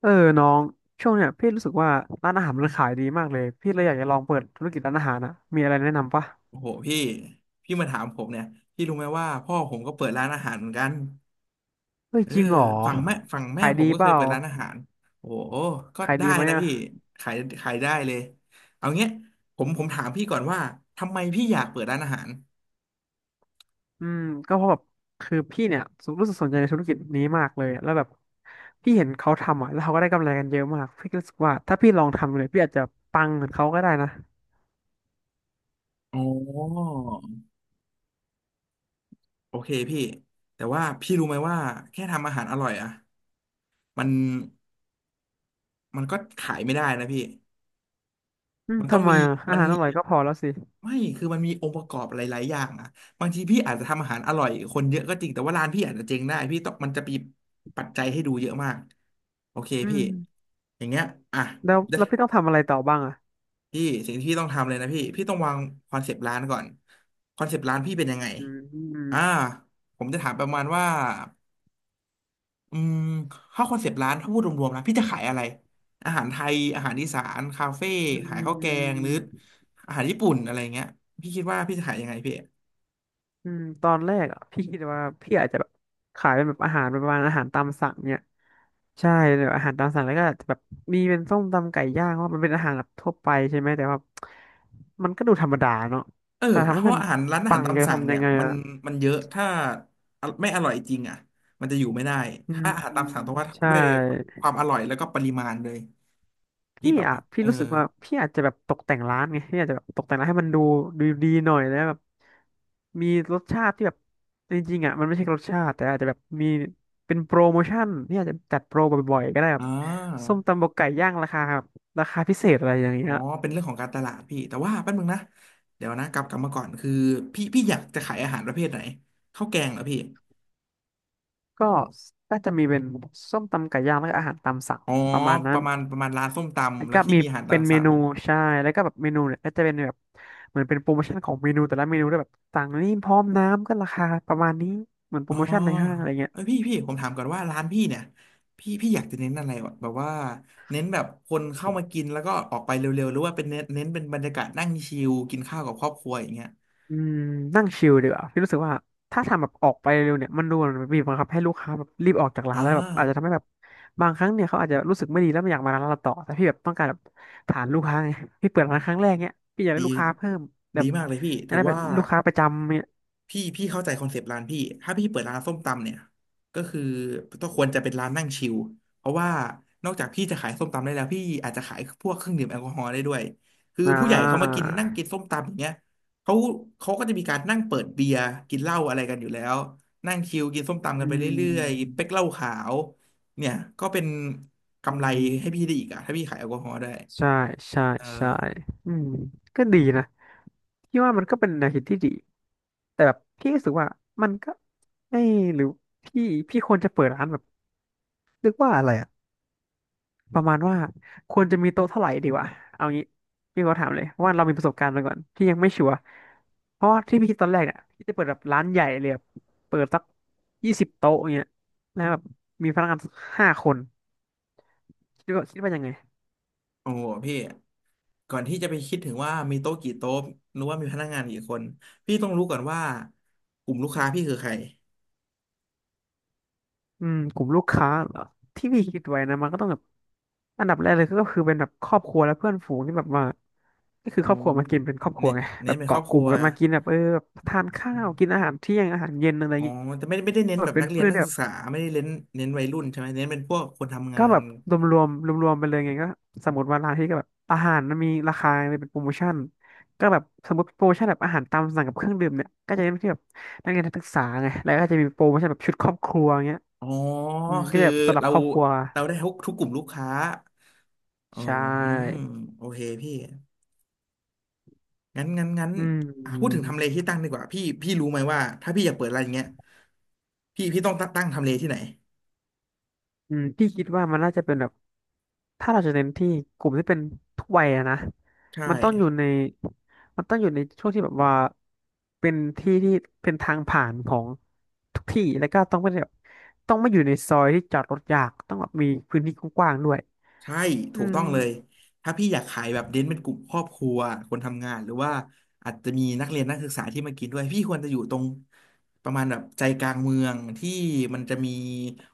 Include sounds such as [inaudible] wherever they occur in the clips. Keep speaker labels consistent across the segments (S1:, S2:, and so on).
S1: เออน้องช่วงเนี้ยพี่รู้สึกว่าร้านอาหารมันขายดีมากเลยพี่เลยอยากจะลองเปิดธุรกิจร้านอาหารนะมีอะไรแนะนำปะ
S2: โอ้โหพี่มาถามผมเนี่ยพี่รู้ไหมว่าพ่อผมก็เปิดร้านอาหารเหมือนกัน
S1: เฮ้ย
S2: เออ
S1: จริงเหรอ
S2: ฝั่งแม่
S1: ขาย
S2: ผ
S1: ดี
S2: มก็
S1: เป
S2: เคย
S1: ล่า
S2: เปิดร้านอาหารโอ้โหก็
S1: ขาย
S2: ได้
S1: ดีไหม
S2: นะ
S1: อ่ะ
S2: พี่ขายได้เลยเอาเงี้ยผมถามพี่ก่อนว่าทำไมพี่อยากเปิดร้านอาหาร
S1: อืมก็เพราะแบบคือพี่เนี่ยรู้สึกสนใจในธุรกิจนี้มากเลยแล้วแบบพี่เห็นเขาทำอ่ะแล้วเขาก็ได้กำไรกันเยอะมากพี่ก็รู้สึกว่าถ้าพี่ลองทำเลยพี่อาจจะปังเหมือนเขาก็ได้นะ
S2: อ๋อโอเคพี่แต่ว่าพี่รู้ไหมว่าแค่ทำอาหารอร่อยอะมันมันก็ขายไม่ได้นะพี่
S1: อืม
S2: มันต้อง
S1: ทำไม
S2: มี
S1: อ่ะอา
S2: มัน
S1: หารอ
S2: มี
S1: ร่อยก็พอแล้วสิ
S2: ไม่คือมันมีองค์ประกอบหลายๆอย่างอ่ะบางทีพี่อาจจะทำอาหารอร่อยคนเยอะก็จริง แต่ว่าร้านพี่อาจจะเจ๊งได้พี่ต้องมันจะมีปัจจัยให้ดูเยอะมากโอเค
S1: อื
S2: พี่
S1: ม
S2: อย่างเงี้ยอ่ะ
S1: แล้ว
S2: เดี๋ยว
S1: พี่ต้องทำอะไรต่อบ้างอ่ะ
S2: พี่สิ่งที่พี่ต้องทำเลยนะพี่ต้องวางคอนเซปต์ร้านก่อนคอนเซปต์ร้านพี่เป็นยังไง
S1: อื
S2: อ่า
S1: ม
S2: ผมจะถามประมาณว่าอืมถ้าคอนเซปต์ร้านถ้าพูดรวมๆนะพี่จะขายอะไรอาหารไทยอาหารอีสานคาเฟ่
S1: อื
S2: ขายข้าวแกงหรือ
S1: ม
S2: อาหารญี่ปุ่นอะไรเงี้ยพี่คิดว่าพี่จะขายยังไงพี่
S1: อืมตอนแรกอ่ะพี่คิดว่าพี่อาจจะแบบขายเป็นแบบอาหารประมาณอาหารตามสั่งเนี่ยใช่แบบอาหารตามสั่งแล้วก็อาจจะแบบมีเป็นส้มตำไก่ย่างเพราะว่ามันเป็นอาหารแบบทั่วไปใช่ไหมแต่ว่ามันก็ดูธรรมดาเนาะ
S2: เออ
S1: แต่ทำ
S2: เพ
S1: ให้
S2: ราะ
S1: มัน
S2: อาหารร้านอา
S1: ปั
S2: หาร
S1: ง
S2: ตาม
S1: จะ
S2: สั่ง
S1: ทำยั
S2: เนี่ย
S1: งไง
S2: มัน
S1: อ่ะ
S2: เยอะถ้าไม่อร่อยจริงอ่ะมันจะอยู่ไม่ได้
S1: อืม
S2: ถ้าอาหาร
S1: อื
S2: ตาม
S1: ม
S2: สั่งต้องว่า
S1: ใช่
S2: ด้วยความอร่อยแล้วก็ปริมาณเลยที่
S1: พี่
S2: แบบ
S1: อ่ะ
S2: ว่า
S1: พี่รู้สึกว่าพี่อาจจะแบบตกแต่งร้านไงพี่อาจจะแบบตกแต่งร้านให้มันดูดูดีหน่อยแล้วแบบมีรสชาติที่แบบจริงๆอ่ะมันไม่ใช่รสชาติแต่อาจจะแบบมีเป็นโปรโมชั่นพี่อาจจะจัดโปรบ่อยๆก็ได้แบ
S2: อ่
S1: บ
S2: า
S1: ส้มตำบกไก่ย่างราคาแบบราคาพิเศษอะไรอย่าง
S2: อ๋
S1: เงี้
S2: อ
S1: ย
S2: เป็นเรื่องของการตลาดพี่แต่ว่าแป๊บนึงนะเดี๋ยวนะกลับมาก่อนคือพี่อยากจะขายอาหารประเภทไหนข้าวแกงเหรอพี่
S1: ก็น่าจะมีเป็นส้มตำไก่ย่างแล้วก็อาหารตามสั่ง
S2: อ๋อ
S1: ประมาณ
S2: ป
S1: นั้น
S2: ระมาณประมาณร้านส้ม
S1: แล้
S2: ตำ
S1: ว
S2: แล้ว
S1: ก็
S2: ที่
S1: มี
S2: มีอาหารตา
S1: เป็น
S2: ม
S1: เม
S2: สั่ง
S1: นูใช่แล้วก็แบบเมนูเนี่ยก็จะเป็นแบบเหมือนเป็นโปรโมชั่นของเมนูแต่ละเมนูด้วยแบบสั่งนี่พร้อมน้ำก็ราคาประมาณนี้เหมือนโป
S2: อ๋
S1: ร
S2: อ
S1: โมชั่นในห้างอะไรเงี้ย
S2: เอ้ยพี่ผมถามก่อนว่าร้านพี่เนี่ยพี่อยากจะเน้นอะไรวะแบบว่าเน้นแบบคนเข้ามากินแล้วก็ออกไปเร็วๆหรือว่าเป็นเน้นเป็นบรรยากาศนั่งชิลกินข้าวกับครอบครัวอย่างเงี้ย
S1: อืมนั่งชิลดีกว่าพี่รู้สึกว่าถ้าทำแบบออกไปเร็วเนี่ยมันดูเหมือนบีบบังคับให้ลูกค้าแบบรีบออกจากร้า
S2: อ่
S1: นแล้วแบบอาจจะทำ
S2: า
S1: ให้แบบบางครั้งเนี่ยเขาอาจจะรู้สึกไม่ดีแล้วไม่อยากมาร้านเราต่อแต่พี่แบบต้องการแบบฐานลูกค้าไงพี่เปิดร้านครั้งแรกเนี่ยพี่อยาก
S2: ดี
S1: ได้ลูกค้าเพิ่มแบ
S2: ดี
S1: บ
S2: มากเลยพี่
S1: อยาก
S2: ถือ
S1: ได้เป็น
S2: ว่า
S1: ลูกค้าประจำเนี่ย
S2: พี่เข้าใจคอนเซปต์ร้านพี่ถ้าพี่เปิดร้านส้มตำเนี่ยก็คือต้องควรจะเป็นร้านนั่งชิลเพราะว่านอกจากพี่จะขายส้มตำได้แล้วพี่อาจจะขายพวกเครื่องดื่มแอลกอฮอล์ได้ด้วยคือ
S1: อ่
S2: ผู้ใหญ่เขามากิ
S1: า
S2: นนั่งกินส้มตำอย่างเงี้ยเขาเขาก็จะมีการนั่งเปิดเบียร์กินเหล้าอะไรกันอยู่แล้ว นั่งชิลกินส้มตำกั
S1: อื
S2: นไปเรื่อยๆเป๊กเหล้าขาวเนี่ยก็เป็นกำไร
S1: ม
S2: ให้พี่ได้อีกอะถ้าพี่ขายแอลกอฮอล์ได้
S1: ใช่ใช่
S2: เอ
S1: ใช่
S2: อ
S1: อืม ก็ดีนะพี่ว่ามันก็เป็นแนวคิดที่ดี แต่แบบพี่รู้สึกว่ามันก็ไม่หรือพี่พี่ควรจะเปิดร้านแบบเรียกว่าอะไรอะประมาณว่าควรจะมีโต๊ะเท่าไหร่ดีวะเอางี้พี่ก็ถามเลยว่าเรามีประสบการณ์มาก่อนพี่ยังไม่ชัวร์เพราะว่าที่พี่คิดตอนแรกเนี่ยพี่จะเปิดแบบร้านใหญ่เลยแบบเปิดสัก20 โต๊ะอย่างเงี้ยแล้วแบบมีพนักงาน5 คนคิดว่ายังไง
S2: โอ้โหพี่ ก่อนที่จะไปคิดถึงว่ามีโต๊ะกี่โต๊ะหรือว่ามีพนักงานกี่คนพี่ต้องรู้ก่อนว่ากลุ่มลูกค้าพี่คือใคร
S1: อืมกลุ่มลูกค้าเหรอที่พี่คิดไว้นะมันก็ต้องแบบอันดับแรกเลยก็คือเป็นแบบครอบครัวและเพื่อนฝูงที่แบบว่าก็คือ
S2: อ๋อ
S1: ครอบครัวมากินเป็นครอบครั
S2: เน้
S1: ว
S2: น
S1: ไง [laughs] แบ
S2: เน้น
S1: บ
S2: เป็นครอ
S1: เกาะ
S2: บ
S1: ก
S2: ครั
S1: ลุ่ม
S2: ว
S1: กันมากินแบบเออแบบทานข้าวกินอาหารเที่ยงอาหารเย็นอะไร
S2: อ๋อ
S1: เงี้ย
S2: แต่ไม่ได้เน้
S1: ก
S2: น
S1: แบ
S2: แบ
S1: บ
S2: บ
S1: เป็น
S2: นักเรียน
S1: เพื่อ
S2: นัก
S1: นี่แบ
S2: ศึ
S1: บ
S2: กษาไม่ได้เน้นวัยรุ่นใช่ไหมเน้นเป็นพวกคนทำงา
S1: ก็
S2: น
S1: แบบรวมๆไปเลยไงก็สมมติว่าร้านที่ก็แบบอาหารมันมีราคาเป็นโปรโมชั่นก็แบบสมมติโปรโมชั่นแบบอาหารตามสั่งกับเครื่องดื่มเนี่ยก็จะเป็นที่แบบนักเรียนนักศึกษาไงแล้วก็จะมีโปรโมชั่นแบบชุดครอบครัวเงี้ย
S2: อ๋อ
S1: อืมก็
S2: คือ
S1: จะแบบสำหรับ
S2: เรา
S1: ครอบครัว
S2: เราได้ทุกกลุ่มลูกค้าอ๋อ
S1: ใช
S2: อืม
S1: ่
S2: โอเคพี่งั้น
S1: อืม
S2: อ่ะพูดถึงทำเลที่ตั้งดีกว่าพี่พี่รู้ไหมว่าถ้าพี่อยากเปิดอะไรานอย่างเงี้ยพี่ต้องตั้งทำเลที่ไหน
S1: อืมพี่คิดว่ามันน่าจะเป็นแบบถ้าเราจะเน้นที่กลุ่มที่เป็นทุกวัยอะนะ
S2: ใช่
S1: มันต้องอยู่ในมันต้องอยู่ในช่วงที่แบบว่าเป็นที่ที่เป็นทางผ่านของทุกที่แล้วก็ต้องไม่ได้แบบต้องไม่อยู่ในซอยที่จอดรถยากต้องแบบมีพื้นที่กว้างๆด้วย
S2: ใช่
S1: อื
S2: ถูก
S1: ม
S2: ต้องเลยถ้าพี่อยากขายแบบเน้นเป็นกลุ่มครอบครัวคนทำงานหรือว่าอาจจะมีนักเรียนนักศึกษาที่มากินด้วยพี่ควรจะอยู่ตรงประมาณแบบใจกลางเมืองที่มันจะมี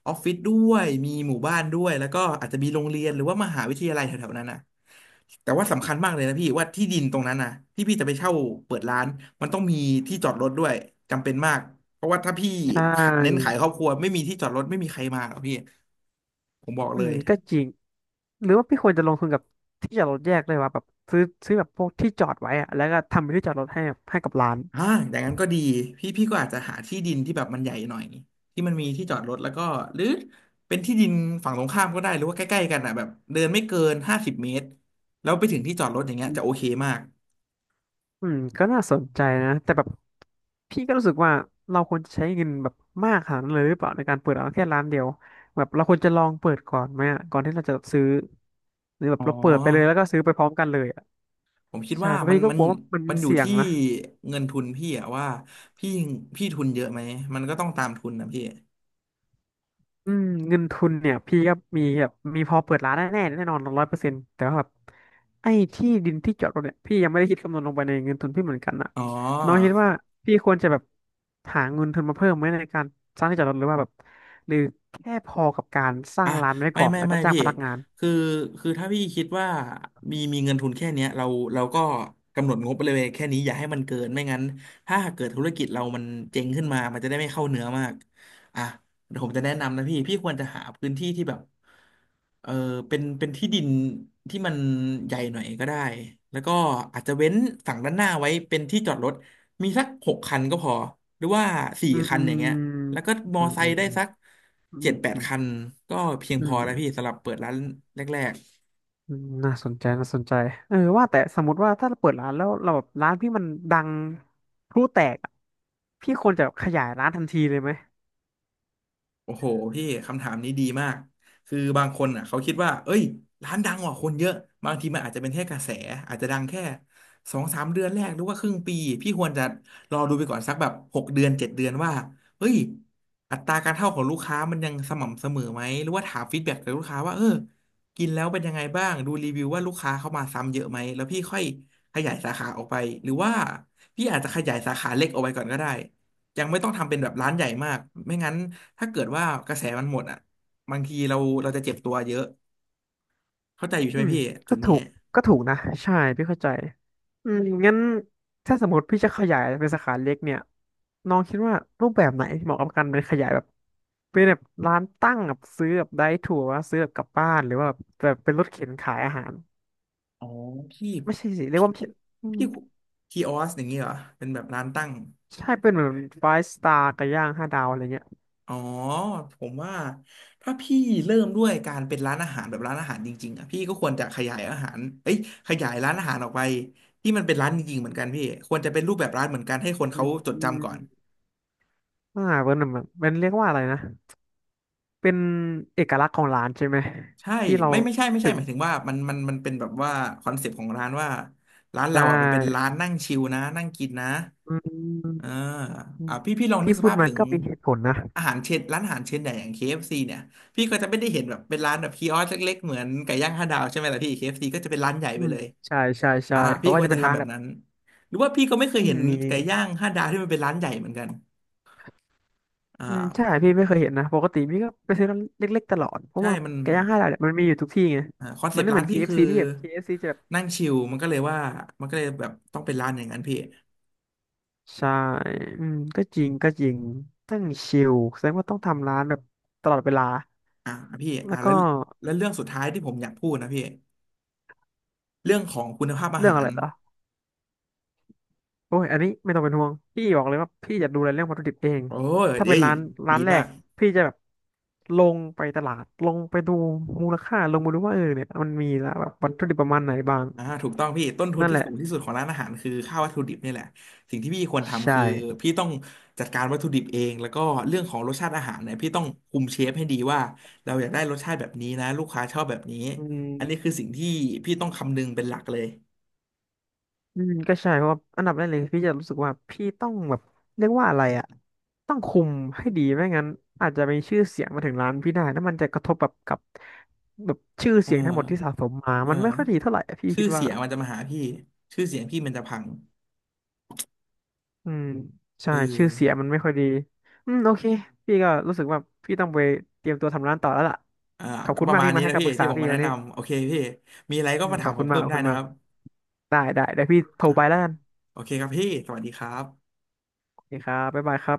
S2: ออฟฟิศด้วยมีหมู่บ้านด้วยแล้วก็อาจจะมีโรงเรียนหรือว่ามหาวิทยาลัยแถวๆนั้นนะแต่ว่าสำคัญมากเลยนะพี่ว่าที่ดินตรงนั้นนะที่พี่จะไปเช่าเปิดร้านมันต้องมีที่จอดรถด้วยจำเป็นมากเพราะว่าถ้าพี่
S1: ใช่
S2: เน้นขายครอบครัวไม่มีที่จอดรถไม่มีใครมาหรอกพี่ผมบอก
S1: อื
S2: เล
S1: ม
S2: ย
S1: ก็จริงหรือว่าพี่ควรจะลงทุนกับที่จอดรถแยกเลยว่าแบบซื้อแบบพวกที่จอดไว้อะแล้วก็ทำเป็นที่จอดรถให้ให้กับร้าน
S2: อ่าอย่างนั้นก็ดีพี่ก็อาจจะหาที่ดินที่แบบมันใหญ่หน่อยที่มันมีที่จอดรถแล้วก็หรือเป็นที่ดินฝั่งตรงข้ามก็ได้หรือว่าใกล้ๆกันอ่ะแบบเดินไม่เกิน50 เมตรแล้วไปถึงที่จอดรถอย่างเงี้ยจะโอเคมาก
S1: อืมก็น่าสนใจนะแต่แบบพี่ก็รู้สึกว่าเราควรจะใช้เงินแบบมากขนาดนั้นเลยหรือเปล่าในการเปิดร้านแค่ร้านเดียวแบบเราควรจะลองเปิดก่อนไหมอะก่อนที่เราจะซื้อหรือแบบ
S2: อ๋อ
S1: เราเปิดไปเลยแล้วก็ซื้อไปพร้อมกันเลยอ่ะ
S2: ผมคิด
S1: ใช่
S2: ว่า
S1: เพราะ
S2: มัน
S1: พี่ก็
S2: มั
S1: ก
S2: น
S1: ลัวว่า
S2: มั
S1: มั
S2: น
S1: น
S2: อยู่
S1: เสี่ยง
S2: ที่
S1: นะ
S2: เงินทุนพี่อะว่าพี่พี่ทุนเยอะไหมมันก็ต้องตามทุนนะพี่
S1: อืมเงินทุนเนี่ยพี่ก็มีแบบมีพอเปิดร้านแน่นอน100%แต่ว่าแบบไอ้ที่ดินที่จอดรถเนี่ยพี่ยังไม่ได้คิดคำนวณลงไปในเงินทุนพี่เหมือนกันอะ
S2: อ๋
S1: น้องคิด
S2: อ
S1: ว่าพี่ควรจะแบบหาเงินทุนมาเพิ่มไหมในการสร้างที่จอดรถหรือว่าแบบหรือแค่พอกับการสร้า
S2: อ่ะ
S1: งร้านไว้
S2: ไม่
S1: ก่อน
S2: ไม่
S1: แล้วก็
S2: ไม่
S1: จ้าง
S2: พี่
S1: พนักงาน
S2: คือคือถ้าพี่คิดว่ามีเงินทุนแค่เนี้ยเราก็กำหนดงบไปเลยแค่นี้อย่าให้มันเกินไม่งั้นถ้าหากเกิดธุรกิจเรามันเจ๊งขึ้นมามันจะได้ไม่เข้าเนื้อมากอ่ะเดี๋ยวผมจะแนะนำนะพี่ควรจะหาพื้นที่ที่แบบเออเป็นที่ดินที่มันใหญ่หน่อยก็ได้แล้วก็อาจจะเว้นฝั่งด้านหน้าไว้เป็นที่จอดรถมีสักหกคันก็พอหรือว่าสี่
S1: อืม
S2: คั
S1: อื
S2: นอย่างเงี้ย แล้
S1: ม
S2: วก็มอ
S1: อืม
S2: ไซ
S1: อืม
S2: ค์ได้
S1: อื
S2: สักเจ็
S1: ม
S2: ดแปด
S1: อืม
S2: คันก็เพียง
S1: อื
S2: พอ
S1: ม
S2: แล้วพี่สำหรับเปิดร้านแรก
S1: อืมน่าสนใจน่าสนใจเออว่าแต่สมมติว่าถ้าเราเปิดร้านแล้วเราแบบร้านพี่มันดังพลุแตกอะพี่ควรจะขยายร้านทันทีเลยไหม
S2: โอ้โหพี่คำถามนี้ดีมากคือบางคนอ่ะเขาคิดว่าเอ้ยร้านดังกว่าคนเยอะบางทีมันอาจจะเป็นแค่กระแสอาจจะดังแค่สองสามเดือนแรกหรือว่าครึ่งปีพี่ควรจะรอดูไปก่อนสักแบบหกเดือนเจ็ดเดือนว่าเฮ้ยอัตราการเข้าของลูกค้ามันยังสม่ำเสมอไหมหรือว่าถามฟีดแบ็กจากลูกค้าว่าเออกินแล้วเป็นยังไงบ้างดูรีวิวว่าลูกค้าเข้ามาซ้ำเยอะไหมแล้วพี่ค่อยขยายสาขาออกไปหรือว่าพี่อาจจะขยายสาขาเล็กออกไปก่อนก็ได้ ยังไม่ต้องทำเป็นแบบร้านใหญ่มาก ไม่งั้นถ้าเกิดว่ากระแสมันหมดอ่ะ บางทีเราจะเจ็บตัวเยอะ เข้าใจอยู่ใช่
S1: อื
S2: ไหม
S1: ม
S2: พี่จุ
S1: ก็
S2: ด
S1: ถู
S2: นี้
S1: กก็ถูกนะใช่พี่เข้าใจอืมงั้นถ้าสมมติพี่จะขยายเป็นสาขาเล็กเนี่ยน้องคิดว่ารูปแบบไหนที่เหมาะกับการเป็นขยายแบบเป็นแบบร้านตั้งแบบซื้อแบบได้ถั่วว่าซื้อแบบกลับบ้านหรือว่าแบบแบบเป็นรถเข็นขายอาหาร
S2: อ๋อพี่
S1: ไม่ใช่สิเรียก
S2: พี่
S1: ว่าไม่
S2: พี่
S1: ใช่อืม
S2: พี่คีออสอย่างนี้เหรอเป็นแบบร้านตั้ง
S1: ใช่เป็นเหมือนไฟสตาร์กับย่างห้าดาวอะไรเงี้ย
S2: อ๋อผมว่าถ้าพี่เริ่มด้วยการเป็นร้านอาหารแบบร้านอาหารจริงๆอ่ะพี่ก็ควรจะขยายอาหารเอ้ยขยายร้านอาหารออกไปที่มันเป็นร้านจริงๆเหมือนกันพี่ควรจะเป็นรูปแบบร้านเหมือนกันให้คน
S1: อื
S2: เขาจดจำก่อ
S1: ม
S2: น
S1: อ่าเป็นแบบเป็นเรียกว่าอะไรนะเป็นเอกลักษณ์ของร้านใช่ไหม
S2: ใช่
S1: ที่เรา
S2: ไม่ไม่ใช่ไม่ใช่
S1: ถึ
S2: ห
S1: ง
S2: มายถึงว่ามันเป็นแบบว่าคอนเซปต์ของร้านว่าร้าน
S1: ได้
S2: เราอ่ะมันเป็นร้านนั่งชิลนะนั่งกินนะ
S1: อื
S2: เออ
S1: ม
S2: อ่ะพี่ลองนึก
S1: ที่
S2: ส
S1: พูด
S2: ภาพ
S1: มั
S2: ถึ
S1: น
S2: ง
S1: ก็มีเหตุผลนะ
S2: อาหารเชนร้านอาหารเชนใหญ่อย่างเคเอฟซีเนี่ยพี่ก็จะไม่ได้เห็นแบบเป็นร้านแบบคีออสเล็กๆเหมือนไก่ย่างห้าดาวใช่ไหมล่ะพี่ KFC ก็จะเป็นร้านใหญ่
S1: อื
S2: ไป
S1: ม
S2: เลย
S1: ใช่ใช่ใช่
S2: อ่าพี่
S1: เขาก็
S2: ควร
S1: จะเป็
S2: จะ
S1: นร้า
S2: ทำ
S1: น
S2: แบ
S1: แบ
S2: บ
S1: บ
S2: นั้นหรือว่าพี่ก็ไม่เค
S1: อื
S2: ยเห็
S1: ม
S2: น
S1: มี
S2: ไก่ย่างห้าดาวที่มันเป็นร้านใหญ่เหมือนกันอ่
S1: อืมใช่
S2: า
S1: พี่ไม่เคยเห็นนะปกติพี่ก็ไปซื้อร้านเล็กๆตลอดเพราะ
S2: ใช่
S1: ว่า
S2: มัน
S1: ไก่ย่างห้าดาวเนี่ยมันมีอยู่ทุกที่ไง
S2: อ่าคอนเซ
S1: มัน
S2: ปต์
S1: ไม่เห
S2: ร้า
S1: มื
S2: น
S1: อน
S2: พี่คือ
S1: KFC ที่แบบ KFC จะแบบ
S2: นั่งชิลมันก็เลยว่ามันก็เลยแบบต้องเป็นร้านอย่างนั้นพี่
S1: ใช่อืมก็จริงก็จริงตั้งชิลแสดงว่าต้องทำร้านแบบตลอดเวลา
S2: อ่าพี่อ่า
S1: แล้วก็
S2: แล้วเรื่องสุดท้ายที่ผมอยากพูดนะพี่เรื่องของคุณภาพอา
S1: เรื่อง
S2: หา
S1: อะไร
S2: ร
S1: เหรอ โอ้ยอันนี้ไม่ต้องเป็นห่วงพี่บอกเลยว่าพี่จะดูแลเรื่องวัตถุดิบเอง
S2: โอ้ย
S1: ถ้า
S2: เอ้
S1: เป็น
S2: ย
S1: ร้าน
S2: ดี
S1: แร
S2: มา
S1: ก
S2: ก
S1: พี่จะแบบลงไปตลาดลงไปดูมูลค่าลงมาดูว่าเออเนี่ยมันมีแล้วแบบวัตถุดิบประมาณไหนบ้าง
S2: อ่าถูกต้องพี่ต้นทุน
S1: นั่น
S2: ที่
S1: แหละ
S2: สูงที่สุดของร้านอาหารคือค่าวัตถุดิบนี่แหละสิ่งที่พี่ควรทำ
S1: ใช่
S2: คือพี่ต้องจัดการวัตถุดิบเองแล้วก็เรื่องของรสชาติอาหารเนี่ยพี่ต้องคุมเชฟให้ดีว่าเราอยากได้รสชาติแบบนี้นะลูกค้าชอบแบบนี้
S1: อื
S2: อันนี้
S1: ม
S2: คือสิ่งที่พี่ต้องคำนึงเป็นหลักเลย
S1: อืมก็ใช่เพราะว่าอันดับแรกเลยพี่จะรู้สึกว่าพี่ต้องแบบเรียกว่าอะไรอะต้องคุมให้ดีไม่งั้นอาจจะมีชื่อเสียงมาถึงร้านพี่ได้แล้วมันจะกระทบแบบกับแบบชื่อ
S2: เ
S1: เสียงทั้งหมดที่
S2: ออ
S1: สะสมมา
S2: เออ
S1: มันไม่ค่อยดีเท่าไหร่อะพี่
S2: ชื่
S1: คิด
S2: อ
S1: ว่า
S2: เสียงมันจะมาหาพี่ชื่อเสียงพี่มันจะพัง
S1: อืมใช่
S2: เอ
S1: ชื่อเสียง
S2: อ
S1: มันไม่ค่อยดีอืมโอเคพี่ก็รู้สึกว่าพี่ต้องไปเตรียมตัวทำร้านต่อแล้วล่ะ
S2: อ่า
S1: ขอบ
S2: ก็
S1: คุณ
S2: ประ
S1: มาก
S2: มาณ
S1: ที่มา
S2: นี้
S1: ให้
S2: นะ
S1: คำ
S2: พี่
S1: ปรึกษา
S2: ที่ผม
S1: พี่
S2: มา
S1: วั
S2: แนะ
S1: นนี้
S2: นำโอเคพี่มีอะไรก็
S1: อืม
S2: มา
S1: ข
S2: ถา
S1: อ
S2: ม
S1: บ
S2: ผ
S1: คุ
S2: ม
S1: ณมาก
S2: เพิ่ม
S1: ขอบ
S2: ได้
S1: คุณ
S2: นะค
S1: มาก
S2: รับ
S1: ได้ได้เดี๋ยวพี่โทรไปแล้วกัน
S2: โอเคครับพี่สวัสดีครับ
S1: โอเคครับบ๊ายบายครับ